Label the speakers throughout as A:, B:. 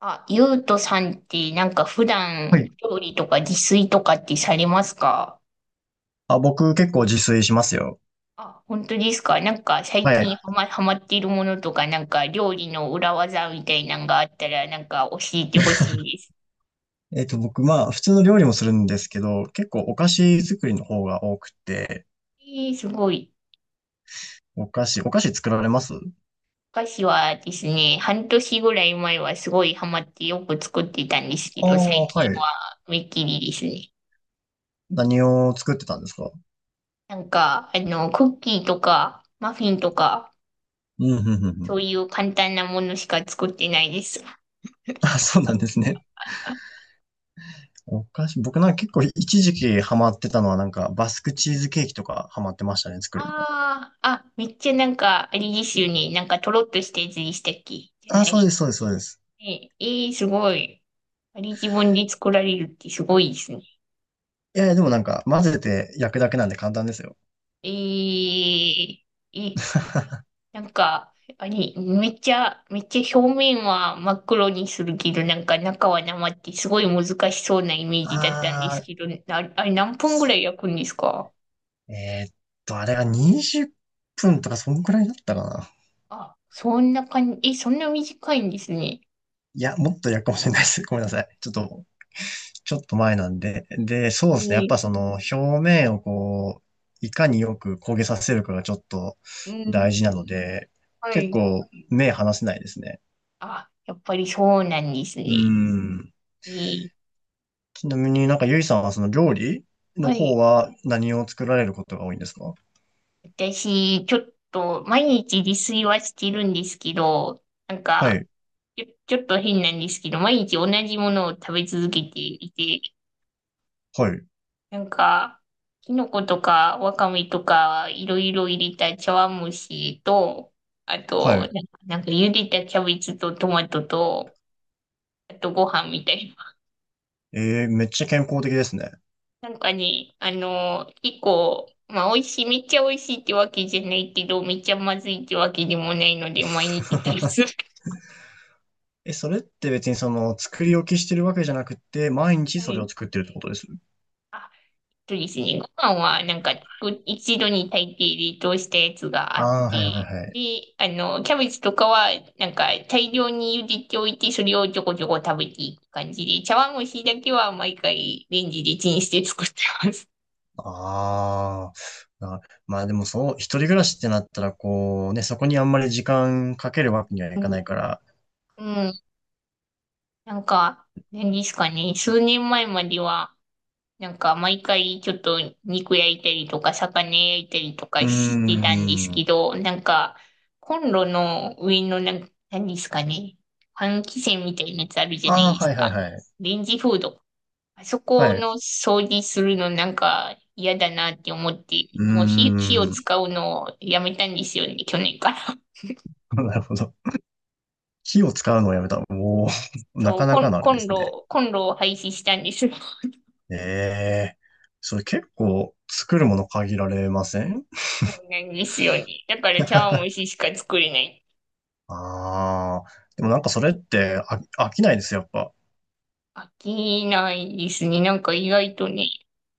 A: あ、ゆうとさんって、なんか普
B: は
A: 段、
B: い。
A: 料理とか自炊とかってされますか？
B: あ、僕結構自炊しますよ。
A: あ、本当ですか？なんか最
B: はい。
A: 近ハマっているものとか、なんか料理の裏技みたいなのがあったら、なんか教えてほし いです。
B: 僕、普通の料理もするんですけど、結構お菓子作りの方が多くて、
A: えー、すごい。
B: お菓子、お菓子作られます？
A: 昔はですね、半年ぐらい前はすごいハマってよく作ってたんですけ
B: あ
A: ど、最近
B: あ、はい。
A: はめっきりですね。
B: 何を作ってたんですか？
A: なんか、クッキーとか、マフィンとか、
B: うん、うん、うん。う
A: そ
B: ん。
A: ういう簡単なものしか作ってないです。
B: あ、そうなんですね。お菓子、僕なんか結構一時期ハマってたのはなんかバスクチーズケーキとかハマってましたね、作るの。
A: ああ、あ、めっちゃなんか、あれですよね。なんか、とろっとしたやつでしたっけ？じゃ
B: あ、
A: な
B: そう
A: い。
B: です、そうです、そうです。
A: えー、すごい。あれ自分で作られるってすごいですね。
B: いやいや、でもなんか混ぜて焼くだけなんで簡単ですよ。
A: えー、え、なんか、あれ、めっちゃ、めっちゃ表面は真っ黒にするけど、なんか中は生ってすごい難しそうなイメージだったんで
B: あ
A: す
B: あ、
A: けど、あ、あれ何分ぐらい焼くんですか？
B: えーっあれが20分とかそんくらいだったかな。
A: あ、そんな感じ、そんな短いんですね。
B: いや、もっとやるかもしれないです。ごめんなさい。ちょっと、ちょっと前なんで。で、そうですね。やっ
A: えー、
B: ぱその表面をこう、いかによく焦げさせるかがちょっと
A: うん、
B: 大事なので、
A: は
B: 結
A: い。
B: 構目離せないですね。
A: あ、やっぱりそうなんです
B: う
A: ね。
B: ん。
A: えー
B: ちなみになんかゆいさんはその料理の
A: は
B: 方
A: い。
B: は何を作られることが多いんですか？
A: 私、ちょっと、毎日自炊はしてるんですけど、なん
B: は
A: か、
B: い、
A: ちょっと変なんですけど、毎日同じものを食べ続けていて、
B: はい、
A: なんか、きのことか、わかめとか、いろいろ入れた茶碗蒸しと、あ
B: は
A: と、
B: い。
A: なんか茹でたキャベツとトマトと、あとご飯みたいな。
B: えー、めっちゃ健康的ですね。
A: なんかね、結構、まあ、美味しい、めっちゃ美味しいってわけじゃないけど、めっちゃまずいってわけでもないので、毎日食べて る。
B: え、それって別にその作り置きしてるわけじゃなくて、毎 日
A: は
B: それ
A: い。
B: を作ってるってことです？
A: あ、そうですね。ご飯は、なんか、一度に炊いて冷凍したやつがあっ
B: ああー、はいはい
A: て、
B: はい。
A: で、キャベツとかは、なんか、大量に茹でておいて、それをちょこちょこ食べていく感じで、茶碗蒸しだけは毎回レンジでチンして作ってます。
B: ああ、なまあでもそう、一人暮らしってなったらこうね、そこにあんまり時間かけるわけにはい
A: う
B: かな
A: ん。
B: いから。
A: うん。なんか、何ですかね、数年前までは、なんか毎回ちょっと肉焼いたりとか魚焼いたりと
B: う
A: か
B: ー
A: してたんです
B: ん。
A: けど、なんかコンロの上の何ですかね、換気扇みたいなやつあるじゃな
B: あ
A: い
B: あ、
A: です
B: はいはい
A: か。
B: はい。
A: レンジフード。あそ
B: は
A: こ
B: い。
A: の掃除するのなんか嫌だなって思って、
B: う
A: もう火を
B: ーん。
A: 使う のをやめたんですよね、去年から。
B: なるほど。火を使うのをやめた。おお、な
A: そう、
B: かな
A: コン、
B: かのあれ
A: コ
B: で
A: ン
B: すね。
A: ロ、コンロを廃止したんです。
B: ええ、それ結構作るもの限られません？
A: そうなんですよね。だから茶 碗蒸ししか作れない。
B: ああ、でもなんかそれって飽きないです、やっぱ。
A: 飽きないですね。なんか意外とね、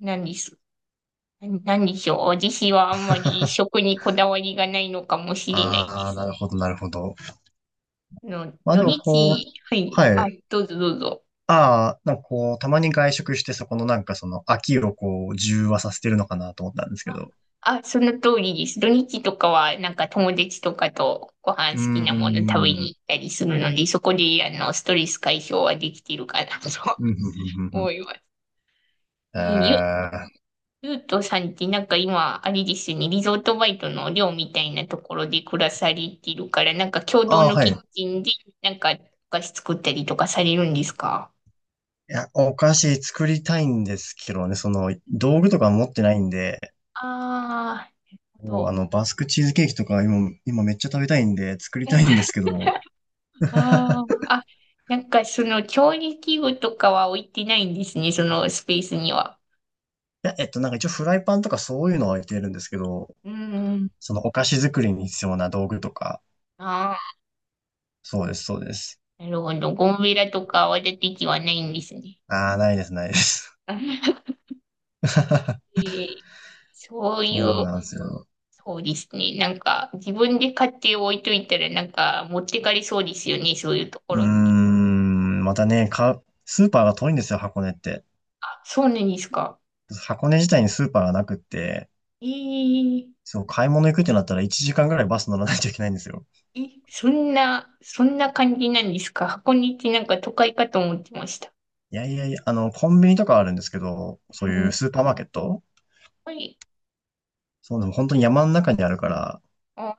A: 何です。何でしょう。私はあんまり食 にこだわりがないのかもしれないで
B: ああ、
A: す。
B: なるほど、なるほど。まあ
A: 土
B: でもこう、
A: 日、はい。
B: は
A: あ、
B: い。
A: どうぞどうぞ。
B: ああ、なんかこう、たまに外食してそこのなんかその飽きをこう、中和させてるのかなと思ったんですけ
A: あ、
B: ど。
A: あその通りです。土日とかは、なんか友達とかとご飯
B: うー
A: 好きなも
B: ん。う
A: の食べに
B: ん、
A: 行ったりするので、そこで、ストレス解消はできてるかなと
B: うん、うん、う
A: 思
B: ん。
A: います。え
B: えー、
A: ーゆ
B: あ
A: ゆうとさんってなんか今、あれですよね、リゾートバイトの寮みたいなところで暮らされてるから、なんか共同
B: あ、
A: の
B: はい。
A: キ
B: い
A: ッチンで、なんかお菓子作ったりとかされるんですか？
B: や、お菓子作りたいんですけどね、その、道具とか持ってないんで、
A: ああー、なるほ
B: こうあ
A: ど。
B: の、バスクチーズケーキとか今、今めっちゃ食べたいんで、作りたいんですけど。
A: あー あ、なんかその調理器具とかは置いてないんですね、そのスペースには。
B: いや、なんか一応フライパンとかそういうのは置いてるんですけど、
A: うん。
B: そのお菓子作りに必要な道具とか、
A: ああ、
B: そうです、そうです。
A: なるほど。ゴムベラとか泡立て器はないんですね。
B: ああ、ないです、ないです。
A: え ーそう
B: そ
A: い
B: う
A: う
B: なんですよ。
A: そうですね。なんか、自分で買って置いといたら、なんか、持ってかれそうですよね、そういうと
B: う
A: こ
B: ー
A: ろって。
B: ん、またね、か、スーパーが遠いんですよ、箱根って。
A: あ、そうなんですか。
B: 箱根自体にスーパーがなくって、
A: えー、
B: そう、買い物行くってなったら1時間ぐらいバス乗らないといけないんですよ。
A: え、そんな感じなんですか？箱根ってなんか都会かと思ってました。
B: いやいやいや、あの、コンビニとかあるんですけど、そう
A: う
B: いう
A: ん。
B: スーパーマーケット。
A: はい。
B: そう、でも本当に山の中にあるから、
A: あ、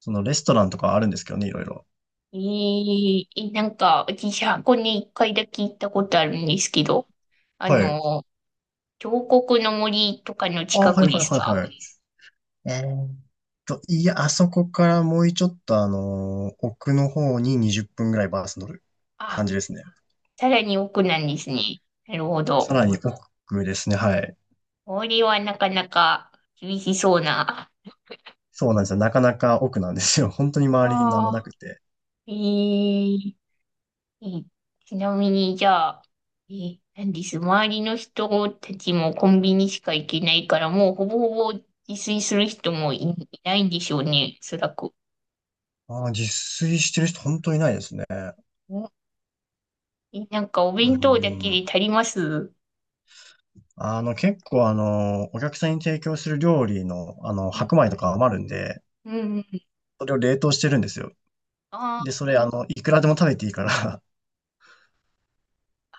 B: そのレストランとかあるんですけどね、いろいろ。
A: なんか、私、箱根一回だけ行ったことあるんですけど、あ
B: はい。
A: の、彫刻の森とかの
B: あ、
A: 近
B: はい
A: くで
B: はい
A: す
B: はい
A: か？
B: はい。えーっいや、あそこからもうちょっと奥の方に20分ぐらいバス乗る感
A: あ、
B: じですね。
A: さらに奥なんですね。なるほ
B: さ
A: ど。
B: らに奥ですね。はい。
A: 氷はなかなか厳しそうな。
B: そうなんですよ。なかなか奥なんですよ。本当に周りに何
A: あ
B: もな
A: あ、
B: くて。
A: えー、えーちなみに、じゃあ、なんです。周りの人たちもコンビニしか行けないから、もうほぼほぼ自炊する人もいないんでしょうね、おそらく。
B: ああ、自炊してる人本当にいないですね。
A: おなんかお
B: う
A: 弁当だけで
B: ん。
A: 足ります？
B: あの、結構あのお客さんに提供する料理の、あの、
A: うん
B: 白米とか余るんで、
A: うんうん。
B: それを冷凍してるんですよ。で、
A: あ
B: それあの、いくらでも食べていいから。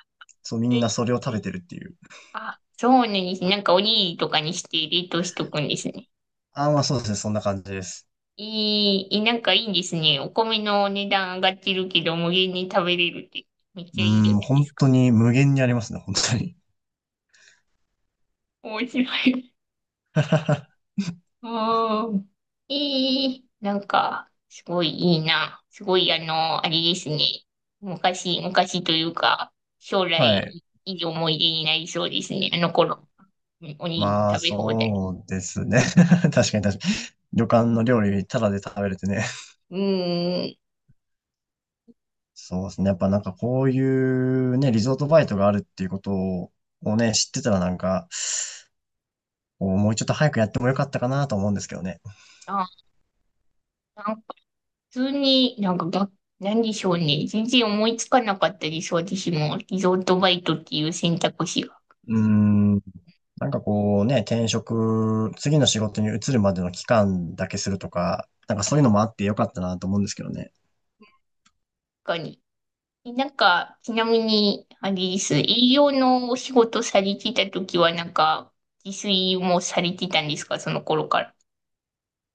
B: そう、み
A: ー
B: ん
A: え
B: なそれを食べてるっていう。
A: あ、そうなんです。なんかおにぎりとかにして冷凍しとくんですね。
B: ああ、まあそうですね。そんな感じです。
A: いい、いなんかいいですね。お米の値段上がってるけど、無限に食べれるって、めっちゃ
B: う
A: いいじゃな
B: ん、
A: いで
B: 本
A: すか。
B: 当に無限にありますね、本当に。
A: 面白い。うん。なんか、すごいいいな。すごい、あれですね。昔というか、将
B: は
A: 来、
B: い。
A: いい思い出になりそうですね。あの頃、おにぎり
B: まあ、
A: 食べ放題。
B: そうですね。確かに確かに。旅館の料理、タダで食べれてね。
A: うん。
B: そうですね。やっぱなんかこういうね、リゾートバイトがあるっていうことをね、知ってたらなんか、こうもうちょっと早くやってもよかったかなと思うんですけどね。
A: あ、なん普通になんかが、何でしょうね。全然思いつかなかったです。私も。リゾートバイトっていう選択肢が。
B: うーん。なんかこうね、転職、次の仕事に移るまでの期間だけするとか、なんかそういうのもあってよかったなと思うんですけどね。
A: 他に。なんか、ちなみに、あれです。営業のお仕事されてた時は、なんか、自炊もされてたんですか？その頃から。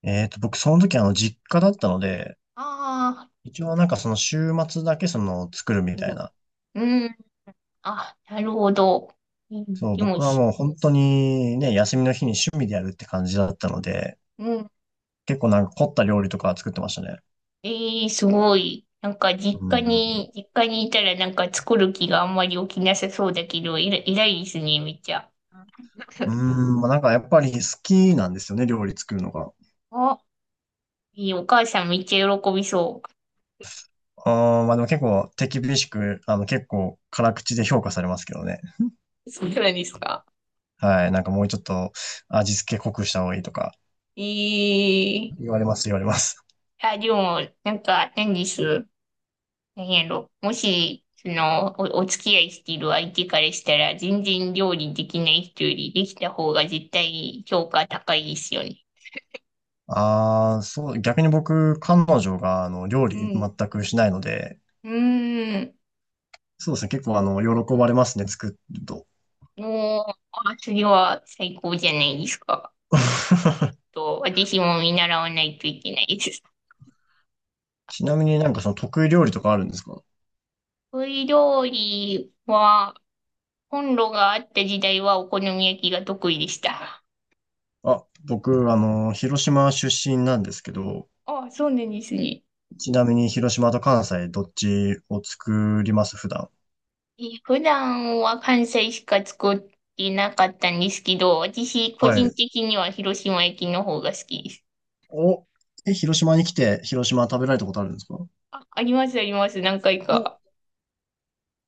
B: 僕その時あの実家だったので、
A: ああ、
B: 一応なんかその週末だけその作るみ
A: う
B: たい
A: ん。
B: な。
A: うん、あ、なるほど。うん、
B: そう、
A: でも
B: 僕は
A: し、
B: もう本当にね、休みの日に趣味でやるって感じだったので、
A: うん。
B: 結構なんか凝った料理とか作ってましたね。
A: ええ、すごい。なんか、実
B: う
A: 家
B: ん。
A: に、実家にいたら、なんか作る気があんまり起きなさそうだけど、偉いですね、めっちゃ。
B: うん、まあ、なんかやっぱり好きなんですよね、料理作るのが。
A: あ、お母さんめっちゃ喜びそ
B: あー、まあでも結構手厳しく、あの結構辛口で評価されますけどね。
A: う。そうなんですか？
B: はい。なんかもうちょっと味付け濃くした方がいいとか
A: ええ、
B: 言われます、言われます。
A: あ、でも、なんか、何です。何やろ。もし、その、お付き合いしている相手からしたら、全然料理できない人よりできた方が絶対評価高いですよね。
B: ああ、そう、逆に僕、彼女があの料
A: う
B: 理
A: ん。
B: 全くしないので、
A: うーん。
B: そうですね。結構あの、喜ばれますね、作ると。
A: もう、あ、それは最高じゃないですか。私も見習わないといけないです。
B: ちなみになんかその得意料理とかあるんですか？
A: 得意料理は、コンロがあった時代はお好み焼きが得意でした。
B: あ、僕、あの、広島出身なんですけど、
A: あ、そうなんですね。
B: ちなみに広島と関西どっちを作ります？普段。
A: 普段は関西しか作ってなかったんですけど、私個
B: は
A: 人
B: い。
A: 的には広島焼きの方が好きです。
B: お、え、広島に来て広島食べられたことあるんですか？
A: あ、ありますあります、何回
B: お、
A: か。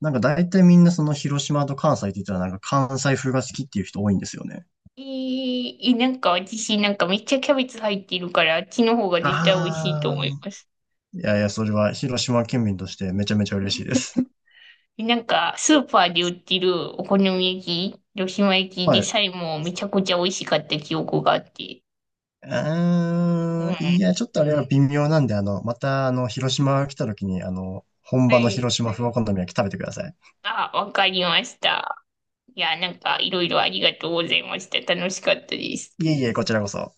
B: なんか大体みんなその広島と関西って言ったらなんか関西風が好きっていう人多いんですよね。
A: なんか私なんかめっちゃキャベツ入ってるから、あっちの方が絶対美味しいと
B: あ
A: 思い
B: あ、
A: ます。
B: いやいや、それは広島県民としてめちゃめちゃ嬉しいです。
A: なんかスーパーで売ってるお好み焼き、広島焼きで
B: はい。
A: さえもめちゃくちゃ美味しかった記憶があって。う
B: あ
A: ん。
B: ー、いや、ちょっとあれは微妙なんで、あの、また、あの、広島来た時に、あの、本
A: は
B: 場の
A: い、
B: 広島風お好み焼き食べてください。
A: あ、わかりました。いや、なんかいろいろありがとうございました。楽しかったです。
B: いえいえ、こちらこそ。